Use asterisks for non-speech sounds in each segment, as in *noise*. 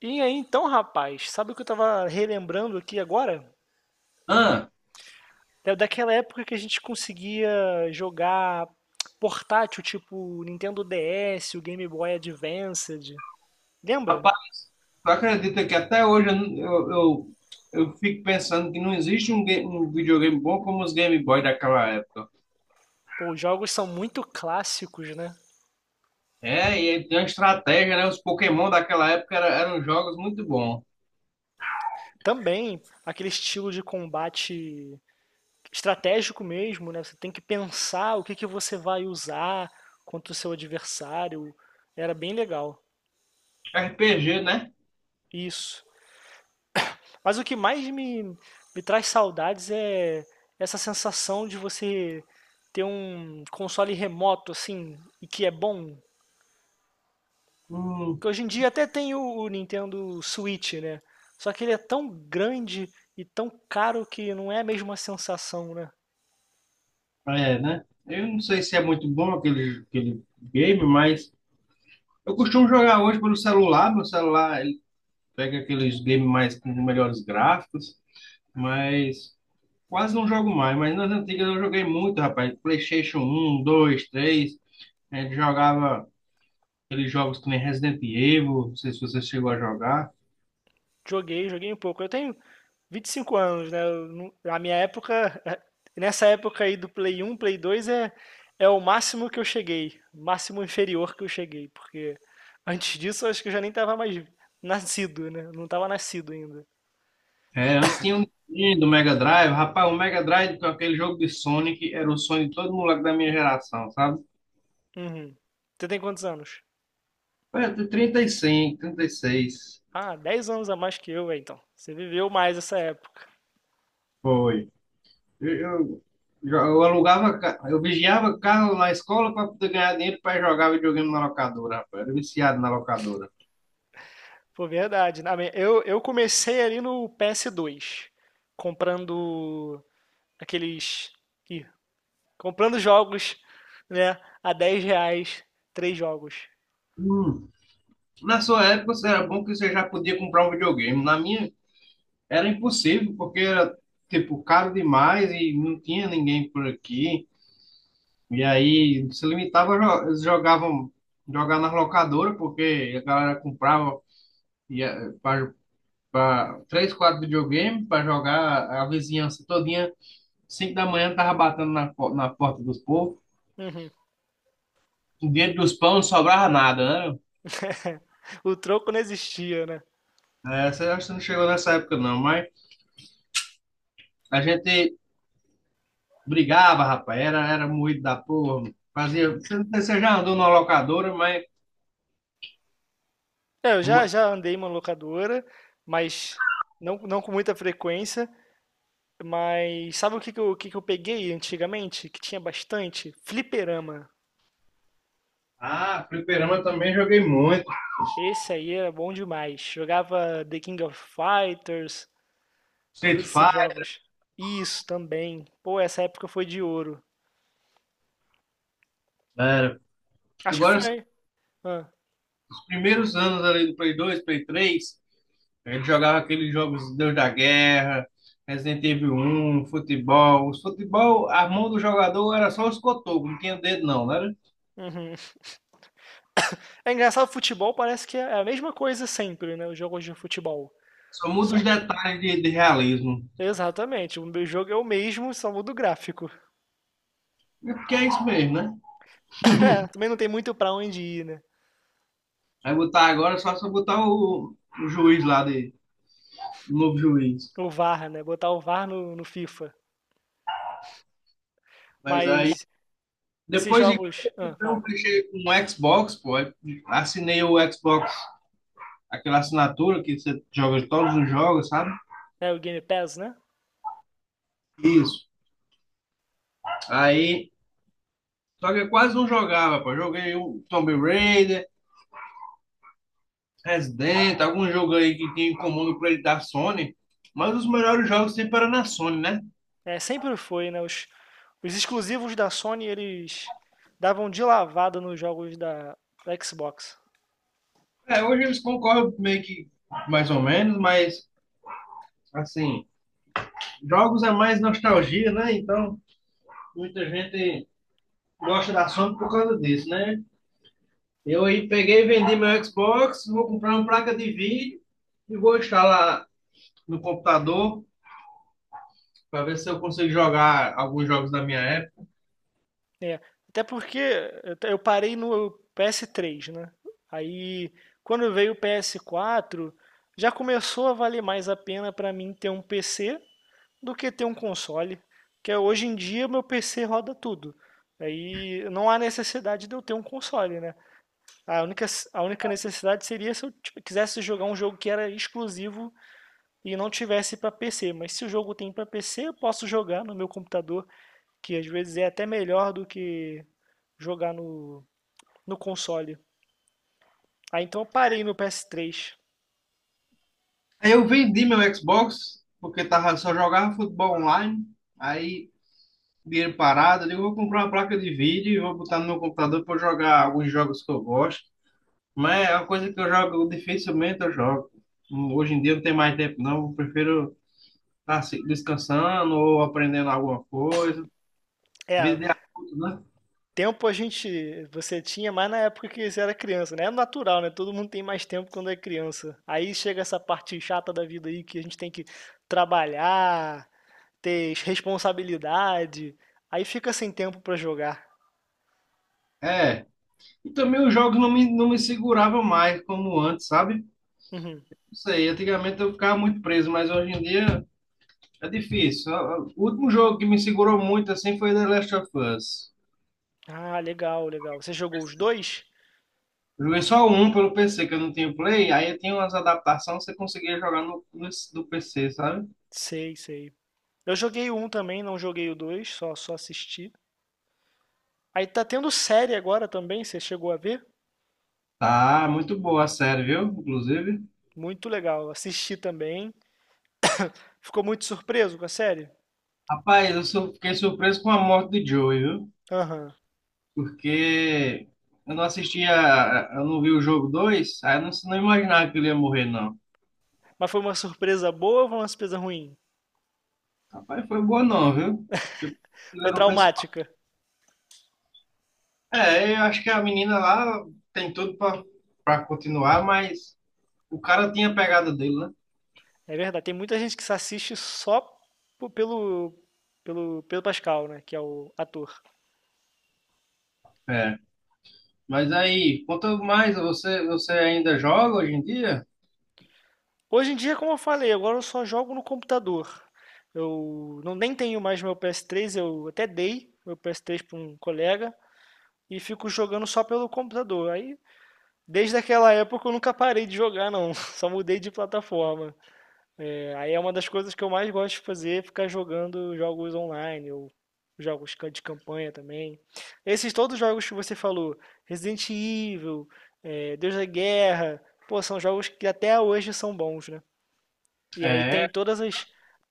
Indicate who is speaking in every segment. Speaker 1: E aí, então, rapaz, sabe o que eu tava relembrando aqui agora?
Speaker 2: Ah,
Speaker 1: É daquela época que a gente conseguia jogar portátil, tipo Nintendo DS, o Game Boy Advanced. Lembra?
Speaker 2: rapaz, tu acredita que até hoje eu, não- eu fico pensando que não existe um videogame bom como os Game Boy daquela época.
Speaker 1: Pô, os jogos são muito clássicos, né?
Speaker 2: É, e aí tem uma estratégia, né? Os Pokémon daquela época eram jogos muito bons.
Speaker 1: Também aquele estilo de combate estratégico mesmo, né? Você tem que pensar o que que você vai usar contra o seu adversário. Era bem legal.
Speaker 2: RPG, né?
Speaker 1: Isso. Mas o que mais me traz saudades é essa sensação de você ter um console remoto, assim, e que é bom.
Speaker 2: Hum,
Speaker 1: Porque hoje em dia até tem o Nintendo Switch, né? Só que ele é tão grande e tão caro que não é a mesma sensação, né?
Speaker 2: é, né? Eu não sei se é muito bom aquele game, mas eu costumo jogar hoje pelo celular. Meu celular, ele pega aqueles games mais com melhores gráficos, mas. Quase não jogo mais, mas nas antigas eu joguei muito, rapaz. PlayStation um 2 três. A gente jogava aqueles jogos que nem Resident Evil. Não sei se você chegou a jogar.
Speaker 1: Joguei, joguei um pouco. Eu tenho 25 anos, né? Eu não- A minha época, *laughs* eh, nessa época aí do Play 1, Play 2 é o máximo que eu cheguei, máximo inferior que eu cheguei, porque antes disso eu acho que eu já nem tava mais nascido, né? Eu não tava nascido ainda.
Speaker 2: É, antes tinha o Nintendo, o Mega Drive. Rapaz, o Mega Drive, com aquele jogo de Sonic, era o sonho de todo moleque da minha geração, sabe?
Speaker 1: Uhum. Você tem quantos anos?
Speaker 2: Foi até 35, 36.
Speaker 1: Ah, 10 anos a mais que eu, é, então. Você viveu mais essa época.
Speaker 2: Foi. Eu, eu, eu eu vigiava carro na escola para poder ganhar dinheiro para jogar videogame na locadora, rapaz. Era viciado na locadora.
Speaker 1: Pô, verdade. Eu comecei ali no PS2, comprando aqueles. Ih, comprando jogos, né? A 10 reais, três jogos.
Speaker 2: Hum. Na sua época, você era bom que você já podia comprar um videogame. Na minha, era impossível, porque era, tipo, caro demais e não tinha ninguém por aqui. E aí, se limitava, eles jogavam, jogar nas locadoras, porque a galera comprava ia, pra, três, quatro videogames para jogar a vizinhança todinha. Cinco da manhã, tava batendo na porta dos povos.
Speaker 1: Uhum.
Speaker 2: Dentro dos pão não sobrava nada, né?
Speaker 1: O troco não existia, né?
Speaker 2: É, você acha que não chegou nessa época, não, mas a gente brigava, rapaz, era moído da porra. Fazia. Você já andou numa locadora, mas.
Speaker 1: É, eu já andei em uma locadora, mas não com muita frequência. Mas sabe o que que eu peguei antigamente? Que tinha bastante? Fliperama.
Speaker 2: Ah, fliperama também joguei muito.
Speaker 1: Esse aí era bom demais. Jogava The King of Fighters,
Speaker 2: Street
Speaker 1: todos esses
Speaker 2: Fighter,
Speaker 1: jogos. Isso também. Pô, essa época foi de ouro.
Speaker 2: era.
Speaker 1: Acho que
Speaker 2: Agora, os
Speaker 1: foi. Ah,
Speaker 2: primeiros anos ali do Play 2, Play 3, a gente jogava aqueles jogos Deus da Guerra, Resident Evil, um futebol. Os futebol, a mão do jogador era só os cotocos, não tinha dedo não, né?
Speaker 1: uhum. É engraçado, futebol parece que é a mesma coisa sempre, né? Os jogos de futebol.
Speaker 2: Só muda os
Speaker 1: Só.
Speaker 2: detalhes de realismo.
Speaker 1: Exatamente. O meu jogo é o mesmo, só muda o gráfico. *laughs*
Speaker 2: É porque é isso mesmo, né?
Speaker 1: É, também não tem muito pra onde ir, né?
Speaker 2: Vai botar agora só se eu botar o juiz lá de, no juiz.
Speaker 1: O VAR, né? Botar o VAR no FIFA.
Speaker 2: Mas aí,
Speaker 1: Mas esses
Speaker 2: depois de grande,
Speaker 1: jogos.
Speaker 2: eu
Speaker 1: Ah,
Speaker 2: comprei um
Speaker 1: fala.
Speaker 2: clichê com um Xbox, pô. Aí assinei o Xbox, aquela assinatura que você joga todos os jogos, sabe?
Speaker 1: É o Game Pass, né?
Speaker 2: Isso. Aí, só que eu quase não jogava, pô. Joguei o Tomb Raider, Resident, algum jogo aí que tinha em comum no play da Sony. Mas os melhores jogos sempre eram na Sony, né?
Speaker 1: É, sempre foi, né? Os exclusivos da Sony, eles davam de lavada nos jogos da Xbox.
Speaker 2: É, hoje eles concorrem meio que mais ou menos, mas assim, jogos é mais nostalgia, né? Então, muita gente gosta da Sony por causa disso, né? Eu aí peguei e vendi meu Xbox, vou comprar uma placa de vídeo e vou instalar no computador para ver se eu consigo jogar alguns jogos da minha época.
Speaker 1: É, até porque eu parei no PS3, né? Aí, quando veio o PS4, já começou a valer mais a pena para mim ter um PC do que ter um console, porque hoje em dia meu PC roda tudo. Aí não há necessidade de eu ter um console, né? A única, a única necessidade seria se eu tipo, quisesse jogar um jogo que era exclusivo e não tivesse pra PC. Mas se o jogo tem pra PC, eu posso jogar no meu computador, que às vezes é até melhor do que jogar no console. Aí então eu parei no PS3.
Speaker 2: Aí eu vendi meu Xbox, porque tava, só jogava futebol online. Aí, dinheiro parado, eu digo, vou comprar uma placa de vídeo e vou botar no meu computador para jogar alguns jogos que eu gosto. Mas é uma coisa que eu jogo, dificilmente eu jogo. Hoje em dia não tem mais tempo, não. Eu prefiro tá se descansando ou aprendendo alguma coisa.
Speaker 1: É,
Speaker 2: Vida adulto, né?
Speaker 1: tempo a gente, você tinha mais na época que você era criança, né? É natural, né? Todo mundo tem mais tempo quando é criança. Aí chega essa parte chata da vida aí que a gente tem que trabalhar, ter responsabilidade. Aí fica sem tempo pra jogar.
Speaker 2: É. E também os jogos não me, não me seguravam mais como antes, sabe?
Speaker 1: Uhum.
Speaker 2: Não sei, antigamente eu ficava muito preso, mas hoje em dia é difícil. O último jogo que me segurou muito assim foi The Last of Us.
Speaker 1: Ah, legal, legal. Você jogou os dois?
Speaker 2: Eu joguei só um pelo PC, que eu não tinha Play, aí tinha umas adaptações que você conseguia jogar no, no, do PC, sabe?
Speaker 1: Sei, sei. Eu joguei o um também, não joguei o dois, só assisti. Aí tá tendo série agora também, você chegou a ver?
Speaker 2: Tá, muito boa a série, viu? Inclusive.
Speaker 1: Muito legal. Assisti também. Ficou muito surpreso com a série?
Speaker 2: Rapaz, fiquei surpreso com a morte de Joey, viu?
Speaker 1: Aham.
Speaker 2: Porque eu não assistia, eu não vi o jogo 2. Aí eu não, não imaginava que ele ia morrer, não.
Speaker 1: Mas foi uma surpresa boa ou foi uma surpresa ruim?
Speaker 2: Rapaz, foi boa não, viu? Porque ele
Speaker 1: Foi
Speaker 2: era o principal.
Speaker 1: traumática.
Speaker 2: É, eu acho que a menina lá tem tudo pra continuar, mas o cara tinha a pegada dele, né?
Speaker 1: É verdade. Tem muita gente que se assiste só po- pelo, pelo Pedro Pascal, né? Que é o ator.
Speaker 2: É. Mas aí, quanto mais, você ainda joga hoje em dia?
Speaker 1: Hoje em dia, como eu falei, agora eu só jogo no computador. Eu não nem tenho mais meu PS3, eu até dei meu PS3 para um colega e fico jogando só pelo computador. Aí, desde aquela época eu nunca parei de jogar, não. *laughs* Só mudei de plataforma. Aí é uma das coisas que eu mais gosto de fazer, ficar jogando jogos online ou jogos de campanha também. Esses todos os jogos que você falou, Resident Evil, Deus da Guerra, pô, são jogos que até hoje são bons, né? E aí tem
Speaker 2: É,
Speaker 1: todas as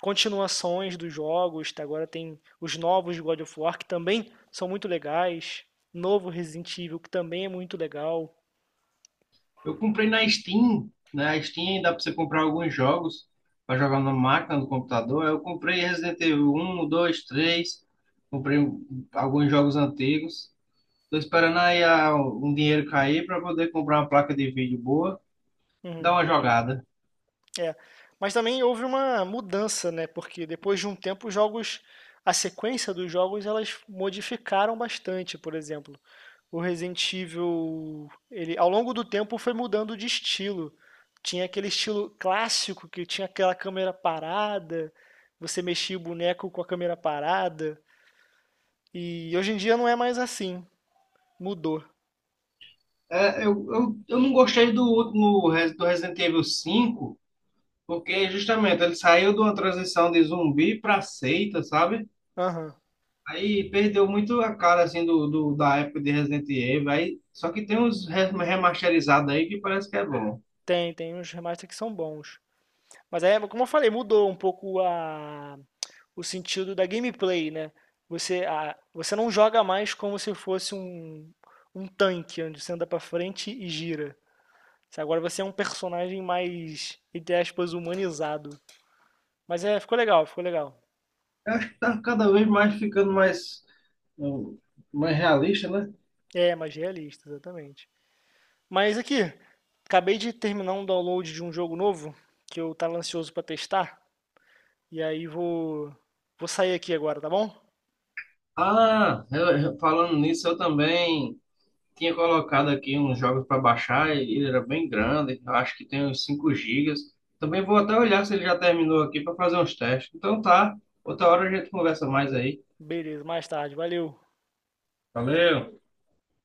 Speaker 1: continuações dos jogos, tá? Agora tem os novos de God of War que também são muito legais, novo Resident Evil que também é muito legal.
Speaker 2: eu comprei na Steam, né? A Steam dá pra você comprar alguns jogos pra jogar na máquina, no computador. Eu comprei Resident Evil um, 2, 3. Comprei um, alguns jogos antigos. Tô esperando aí ah, um dinheiro cair pra poder comprar uma placa de vídeo boa, dar
Speaker 1: Uhum.
Speaker 2: uma jogada.
Speaker 1: É, mas também houve uma mudança, né? Porque depois de um tempo os jogos, a sequência dos jogos, elas modificaram bastante, por exemplo. O Resident Evil, ele ao longo do tempo foi mudando de estilo. Tinha aquele estilo clássico que tinha aquela câmera parada, você mexia o boneco com a câmera parada, e hoje em dia não é mais assim. Mudou.
Speaker 2: É, eu não gostei do último do Resident Evil 5, porque justamente ele saiu de uma transição de zumbi pra seita, sabe?
Speaker 1: Aham.
Speaker 2: Aí perdeu muito a cara assim da época de Resident Evil. Aí, só que tem uns remasterizados aí que parece que é bom.
Speaker 1: Tem uns remasters que são bons. Mas aí, como eu falei, mudou um pouco a o sentido da gameplay, né? Você não joga mais como se fosse um tanque, onde você anda pra frente e gira. Sabe? Agora você é um personagem mais, entre aspas, humanizado. Mas é, ficou legal, ficou legal.
Speaker 2: Eu acho que tá cada vez mais ficando mais, um, mais realista, né?
Speaker 1: É, mais realista, exatamente. Mas aqui, acabei de terminar um download de um jogo novo, que eu tava ansioso pra testar. E aí vou sair aqui agora, tá bom?
Speaker 2: Ah, falando nisso, eu também tinha colocado aqui uns jogos para baixar e ele era bem grande. Eu acho que tem uns 5 gigas. Também vou até olhar se ele já terminou aqui para fazer uns testes. Então tá, outra hora a gente conversa mais aí.
Speaker 1: Beleza, mais tarde, valeu.
Speaker 2: Valeu!